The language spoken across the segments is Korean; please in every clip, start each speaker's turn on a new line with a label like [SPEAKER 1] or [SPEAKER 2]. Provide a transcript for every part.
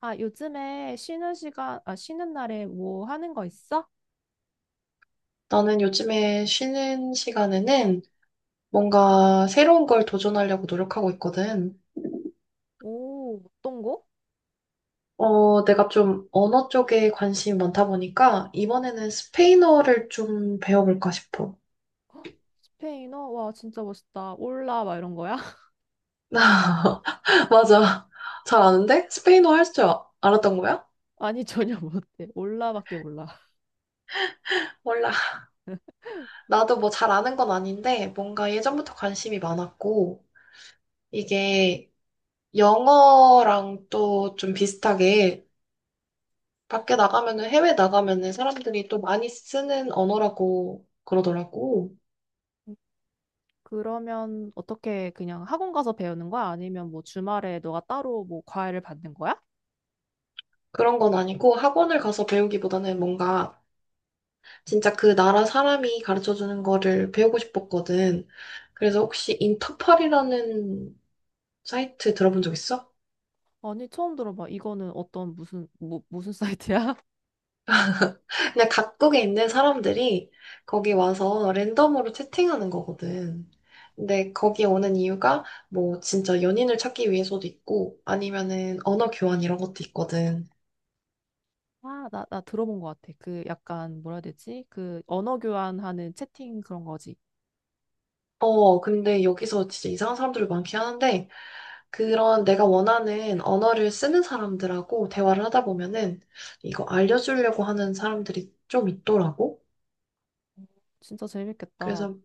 [SPEAKER 1] 아, 요즘에 쉬는 날에 뭐 하는 거 있어?
[SPEAKER 2] 나는 요즘에 쉬는 시간에는 뭔가 새로운 걸 도전하려고 노력하고 있거든.
[SPEAKER 1] 오, 어떤 거?
[SPEAKER 2] 내가 좀 언어 쪽에 관심이 많다 보니까 이번에는 스페인어를 좀 배워볼까 싶어.
[SPEAKER 1] 헉, 스페인어? 와, 진짜 멋있다. 올라, 막 이런 거야?
[SPEAKER 2] 맞아. 잘 아는데? 스페인어 할 줄 알았던 거야?
[SPEAKER 1] 아니, 전혀 못해. 올라밖에 몰라.
[SPEAKER 2] 몰라. 나도 뭐 잘 아는 건 아닌데 뭔가 예전부터 관심이 많았고 이게 영어랑 또 좀 비슷하게 밖에 나가면은, 해외 나가면은 사람들이 또 많이 쓰는 언어라고 그러더라고.
[SPEAKER 1] 그러면 어떻게 그냥 학원 가서 배우는 거야? 아니면 뭐 주말에 너가 따로 뭐 과외를 받는 거야?
[SPEAKER 2] 그런 건 아니고 학원을 가서 배우기보다는 뭔가 진짜 그 나라 사람이 가르쳐주는 거를 배우고 싶었거든. 그래서 혹시 인터팔이라는 사이트 들어본 적 있어?
[SPEAKER 1] 아니, 처음 들어봐. 이거는 무슨 사이트야?
[SPEAKER 2] 그냥 각국에 있는 사람들이 거기 와서 랜덤으로 채팅하는 거거든. 근데 거기 오는 이유가 뭐 진짜 연인을 찾기 위해서도 있고 아니면은 언어 교환 이런 것도 있거든.
[SPEAKER 1] 아, 나 들어본 것 같아. 그 약간, 뭐라 해야 되지? 그 언어 교환하는 채팅 그런 거지.
[SPEAKER 2] 근데 여기서 진짜 이상한 사람들이 많긴 하는데, 그런 내가 원하는 언어를 쓰는 사람들하고 대화를 하다 보면은, 이거 알려주려고 하는 사람들이 좀 있더라고.
[SPEAKER 1] 진짜 재밌겠다.
[SPEAKER 2] 그래서,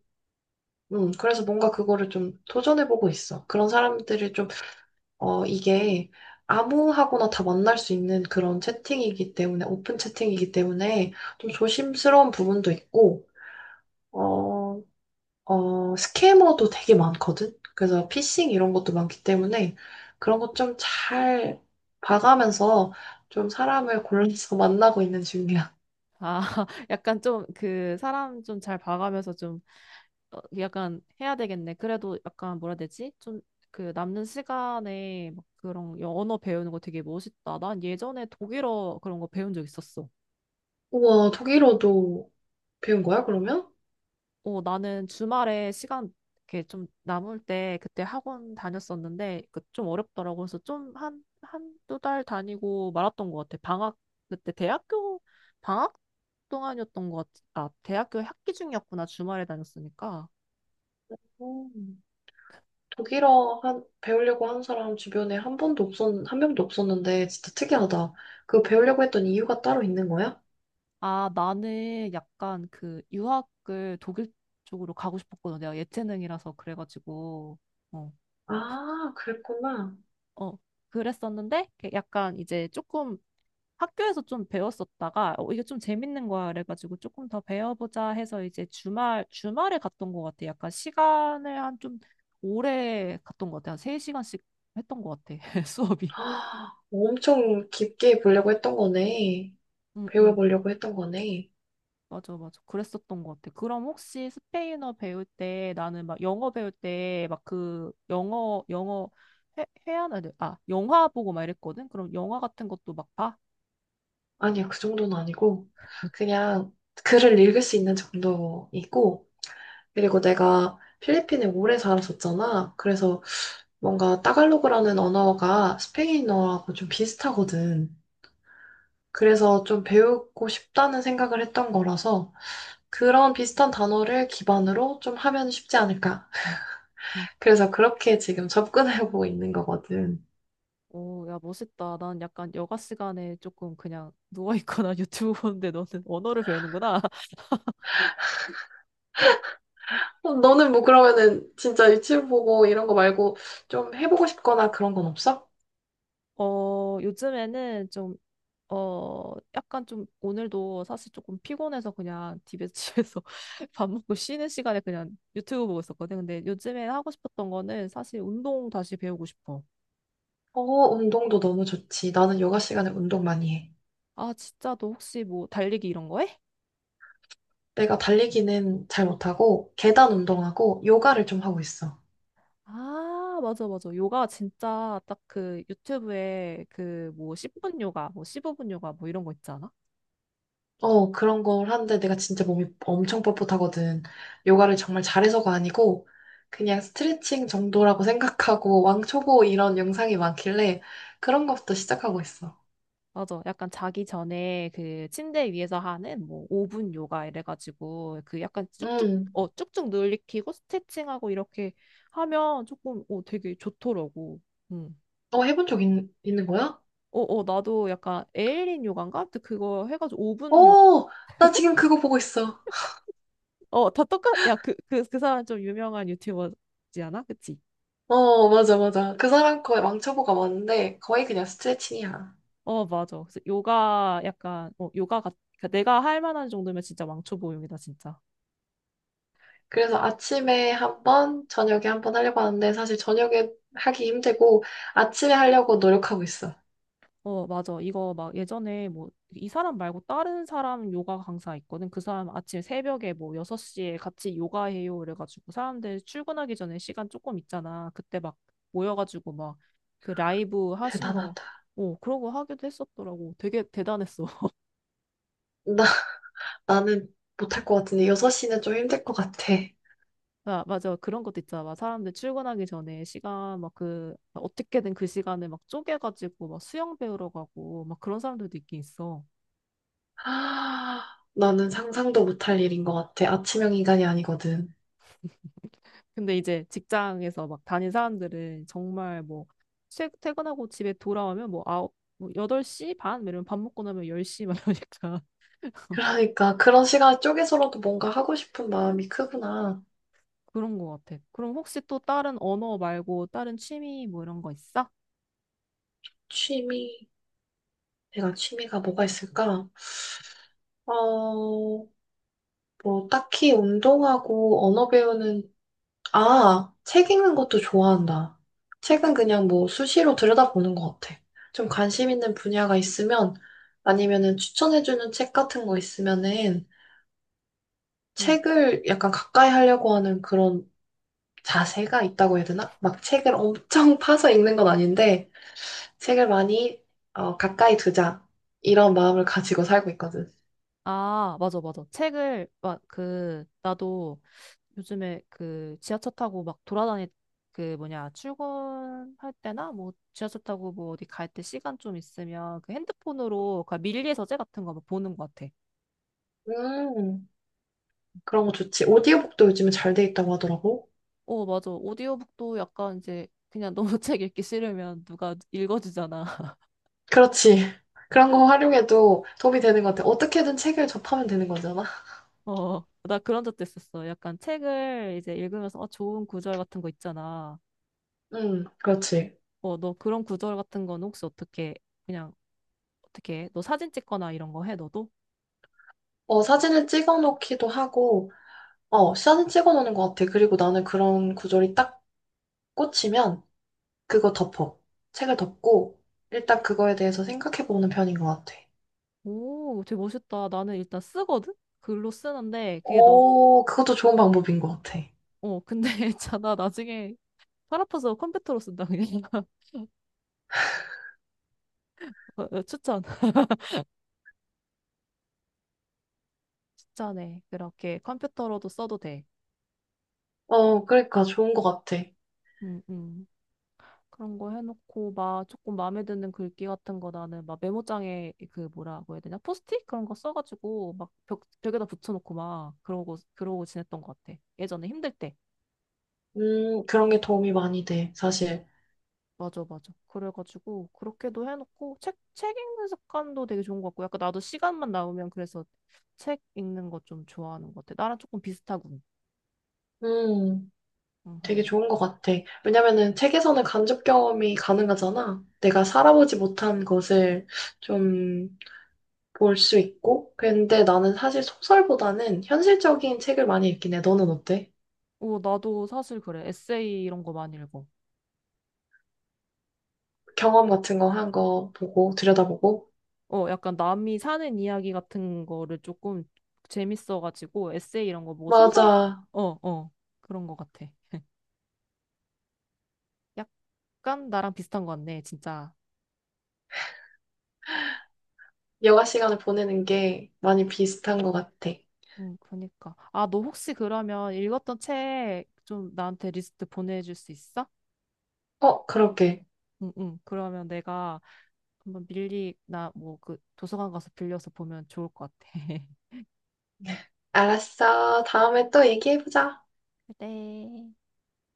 [SPEAKER 2] 그래서 뭔가 그거를 좀 도전해보고 있어. 그런 사람들을 좀, 이게 아무하고나 다 만날 수 있는 그런 채팅이기 때문에, 오픈 채팅이기 때문에, 좀 조심스러운 부분도 있고, 어, 스캐머도 되게 많거든? 그래서 피싱 이런 것도 많기 때문에 그런 것 좀 잘 봐가면서 좀 사람을 골라서 만나고 있는 중이야.
[SPEAKER 1] 아, 약간 좀 그 사람 좀 잘 봐가면서 좀 약간 해야 되겠네. 그래도 약간 뭐라 해야 되지? 좀 그 남는 시간에 막 그런 언어 배우는 거 되게 멋있다. 난 예전에 독일어 그런 거 배운 적 있었어.
[SPEAKER 2] 우와, 독일어도 배운 거야, 그러면?
[SPEAKER 1] 어, 나는 주말에 시간 이렇게 좀 남을 때 그때 학원 다녔었는데 그 좀 어렵더라고. 그래서 좀 한두 달 다니고 말았던 것 같아. 그때 대학교 방학 동안이었던 것 같아. 아, 대학교 학기 중이었구나. 주말에 다녔으니까.
[SPEAKER 2] 음, 독일어 배우려고 하는 사람 주변에 한 명도 없었는데 진짜 특이하다. 그 배우려고 했던 이유가 따로 있는 거야?
[SPEAKER 1] 아, 나는 약간 그 유학을 독일 쪽으로 가고 싶었거든. 내가 예체능이라서 그래가지고, 어,
[SPEAKER 2] 아, 그랬구나.
[SPEAKER 1] 어, 그랬었는데, 이렇게 약간 이제 조금 학교에서 좀 배웠었다가, 이게 좀 재밌는 거야. 그래가지고 조금 더 배워보자 해서 이제 주말에 갔던 것 같아. 약간 시간을 한 좀 오래 갔던 것 같아. 한 세 시간씩 했던 것 같아. 수업이.
[SPEAKER 2] 아, 엄청 깊게 보려고 했던 거네.
[SPEAKER 1] 응, 응.
[SPEAKER 2] 배워보려고 했던 거네.
[SPEAKER 1] 맞아, 맞아. 그랬었던 것 같아. 그럼 혹시 스페인어 배울 때 나는 막 영어 배울 때 막 그 영어 회화나, 아, 영화 보고 막 이랬거든? 그럼 영화 같은 것도 막 봐?
[SPEAKER 2] 아니요, 그 정도는 아니고, 그냥 글을 읽을 수 있는 정도이고, 그리고 내가 필리핀에 오래 살았었잖아. 그래서 뭔가 따갈로그라는 언어가 스페인어하고 좀 비슷하거든. 그래서 좀 배우고 싶다는 생각을 했던 거라서 그런 비슷한 단어를 기반으로 좀 하면 쉽지 않을까.
[SPEAKER 1] 응.
[SPEAKER 2] 그래서 그렇게 지금 접근해보고 있는 거거든.
[SPEAKER 1] 오, 야, 멋있다. 난 약간 여가 시간에 조금 그냥 누워있거나 유튜브 보는데 너는 언어를 배우는구나.
[SPEAKER 2] 너는 뭐 그러면은 진짜 유튜브 보고 이런 거 말고 좀 해보고 싶거나 그런 건 없어?
[SPEAKER 1] 어, 요즘에는 좀 약간 좀 오늘도 사실 조금 피곤해서 그냥 집에서 밥 먹고 쉬는 시간에 그냥 유튜브 보고 있었거든. 근데 요즘에 하고 싶었던 거는 사실 운동 다시 배우고 싶어.
[SPEAKER 2] 어, 운동도 너무 좋지. 나는 요가 시간에 운동 많이 해.
[SPEAKER 1] 아, 진짜 너 혹시 뭐 달리기 이런 거 해?
[SPEAKER 2] 내가 달리기는 잘 못하고, 계단 운동하고, 요가를 좀 하고 있어.
[SPEAKER 1] 아, 맞아, 맞아. 요가 진짜 딱 그 유튜브에 그 뭐 10분 요가, 뭐 15분 요가 뭐 이런 거 있잖아.
[SPEAKER 2] 그런 걸 하는데 내가 진짜 몸이 엄청 뻣뻣하거든. 요가를 정말 잘해서가 아니고, 그냥 스트레칭 정도라고 생각하고, 왕초보 이런 영상이 많길래, 그런 것부터 시작하고 있어.
[SPEAKER 1] 맞아. 약간 자기 전에 그 침대 위에서 하는 뭐 5분 요가 이래가지고 그 약간 쭉쭉,
[SPEAKER 2] 음,
[SPEAKER 1] 어, 쭉쭉 늘리키고 스트레칭하고 이렇게 하면 조금, 되게 좋더라고. 응.
[SPEAKER 2] 어, 있는 거야?
[SPEAKER 1] 어, 어, 나도 약간 에일린 요가인가? 아무튼 그거 해가지고 5분 요,
[SPEAKER 2] 어, 나 지금 그거 보고 있어.
[SPEAKER 1] 어, 다 똑같, 야, 그 사람 좀 유명한 유튜버지 않아? 그치?
[SPEAKER 2] 어, 맞아, 맞아. 그 사람 거의 왕초보가 많은데, 거의 그냥 스트레칭이야.
[SPEAKER 1] 어, 맞아. 그래서 요가 약간, 그러니까 내가 할 만한 정도면 진짜 왕초보용이다, 진짜.
[SPEAKER 2] 그래서 아침에 한 번, 저녁에 한번 하려고 하는데 사실 저녁에 하기 힘들고 아침에 하려고 노력하고 있어.
[SPEAKER 1] 어, 맞아. 이거 막 예전에 뭐, 이 사람 말고 다른 사람 요가 강사 있거든. 그 사람 아침 새벽에 뭐 6시에 같이 요가해요. 그래가지고 사람들 출근하기 전에 시간 조금 있잖아. 그때 막 모여가지고 막 그 라이브 하신 거,
[SPEAKER 2] 대단하다.
[SPEAKER 1] 그런 거 하기도 했었더라고. 되게 대단했어.
[SPEAKER 2] 나, 나는 못 할 것 같은데 6시는 좀 힘들 것 같아.
[SPEAKER 1] 아, 맞아. 그런 것도 있잖아. 막 사람들 출근하기 전에 시간 막 어떻게든 그 시간을 막 쪼개가지고 막 수영 배우러 가고 막 그런 사람들도 있긴 있어.
[SPEAKER 2] 아, 나는 상상도 못 할 일인 것 같아. 아침형 인간이 아니거든.
[SPEAKER 1] 근데 이제 직장에서 막 다닌 사람들은 정말 뭐 퇴근하고 집에 돌아오면 뭐 아홉 뭐 8시 반 이러면 밥 먹고 나면 10시 막 이러니까
[SPEAKER 2] 그러니까 그런 시간 쪼개서라도 뭔가 하고 싶은 마음이 크구나.
[SPEAKER 1] 그런 거 같아. 그럼 혹시 또 다른 언어 말고 다른 취미 뭐 이런 거 있어?
[SPEAKER 2] 취미, 내가 취미가 뭐가 있을까? 어, 뭐 딱히 운동하고 언어 배우는 아, 책 읽는 것도 좋아한다.
[SPEAKER 1] 응,
[SPEAKER 2] 책은 그냥 뭐 수시로 들여다보는 것 같아. 좀 관심 있는 분야가 있으면 아니면은 추천해주는 책 같은 거 있으면은
[SPEAKER 1] 응.
[SPEAKER 2] 책을 약간 가까이 하려고 하는 그런 자세가 있다고 해야 되나? 막 책을 엄청 파서 읽는 건 아닌데 책을 많이 어, 가까이 두자 이런 마음을 가지고 살고 있거든.
[SPEAKER 1] 아, 맞아, 맞아. 나도 요즘에 그 지하철 타고 막 그 뭐냐, 출근할 때나 뭐 지하철 타고 뭐 어디 갈 때 시간 좀 있으면 그 핸드폰으로 그 밀리에서재 같은 거막 보는 것 같아.
[SPEAKER 2] 음, 그런 거 좋지. 오디오북도 요즘에 잘 돼 있다고 하더라고.
[SPEAKER 1] 어, 맞아. 오디오북도 약간 이제 그냥 너무 책 읽기 싫으면 누가 읽어주잖아.
[SPEAKER 2] 그렇지. 그런 거 활용해도 도움이 되는 것 같아. 어떻게든 책을 접하면 되는 거잖아.
[SPEAKER 1] 어, 나 그런 적도 있었어. 약간 책을 이제 읽으면서 아, 좋은 구절 같은 거 있잖아.
[SPEAKER 2] 응, 그렇지.
[SPEAKER 1] 어, 너 그런 구절 같은 건 혹시 어떻게 그냥 어떻게 해? 너 사진 찍거나 이런 거 해, 너도?
[SPEAKER 2] 어, 사진을 찍어 놓기도 하고, 어, 사진 찍어 놓는 것 같아. 그리고 나는 그런 구절이 딱 꽂히면 그거 덮어. 책을 덮고, 일단 그거에 대해서 생각해 보는 편인 것 같아.
[SPEAKER 1] 오, 되게 멋있다. 나는 일단 쓰거든? 글로 쓰는데 그게 너,
[SPEAKER 2] 오, 그것도 좋은 방법인 것 같아.
[SPEAKER 1] 어, 근데 있잖아. 나중에 팔 아파서 컴퓨터로 쓴다, 그냥. 어, 어, 추천. 추천해. 그렇게 컴퓨터로도 써도 돼.
[SPEAKER 2] 어, 그러니까 좋은 것 같아.
[SPEAKER 1] 음, 음. 그런 거 해놓고 막 조금 마음에 드는 글귀 같은 거 나는 막 메모장에 그 뭐라고 해야 되냐 포스트잇 그런 거 써가지고 막 벽에다 붙여놓고 막 그러고 그러고 지냈던 것 같아, 예전에 힘들 때.
[SPEAKER 2] 그런 게 도움이 많이 돼, 사실.
[SPEAKER 1] 맞아, 맞아. 그래가지고 그렇게도 해놓고 책 읽는 습관도 되게 좋은 것 같고, 약간 나도 시간만 나오면 그래서 책 읽는 거 좀 좋아하는 것 같아. 나랑 조금 비슷하군.
[SPEAKER 2] 음. 되게
[SPEAKER 1] 음.
[SPEAKER 2] 좋은 것 같아. 왜냐면은 책에서는 간접 경험이 가능하잖아. 내가 살아보지 못한 것을 좀 볼 수 있고. 근데 나는 사실 소설보다는 현실적인 책을 많이 읽긴 해. 너는 어때?
[SPEAKER 1] 어, 나도 사실 그래. 에세이 이런 거 많이 읽어.
[SPEAKER 2] 경험 같은 거 한 거 보고 들여다보고.
[SPEAKER 1] 어, 약간 남이 사는 이야기 같은 거를 조금 재밌어가지고 에세이 이런 거 뭐 소설?
[SPEAKER 2] 맞아.
[SPEAKER 1] 어, 어, 그런 거 같아. 약간 나랑 비슷한 거 같네, 진짜.
[SPEAKER 2] 여가 시간을 보내는 게 많이 비슷한 것 같아.
[SPEAKER 1] 응, 그러니까. 아, 너 혹시 그러면 읽었던 책 좀 나한테 리스트 보내줄 수 있어?
[SPEAKER 2] 어, 그렇게.
[SPEAKER 1] 응, 응. 그러면 내가 한번 밀리나 뭐 그 도서관 가서 빌려서 보면 좋을 것 같아.
[SPEAKER 2] 알았어. 다음에 또 얘기해보자.
[SPEAKER 1] 그래.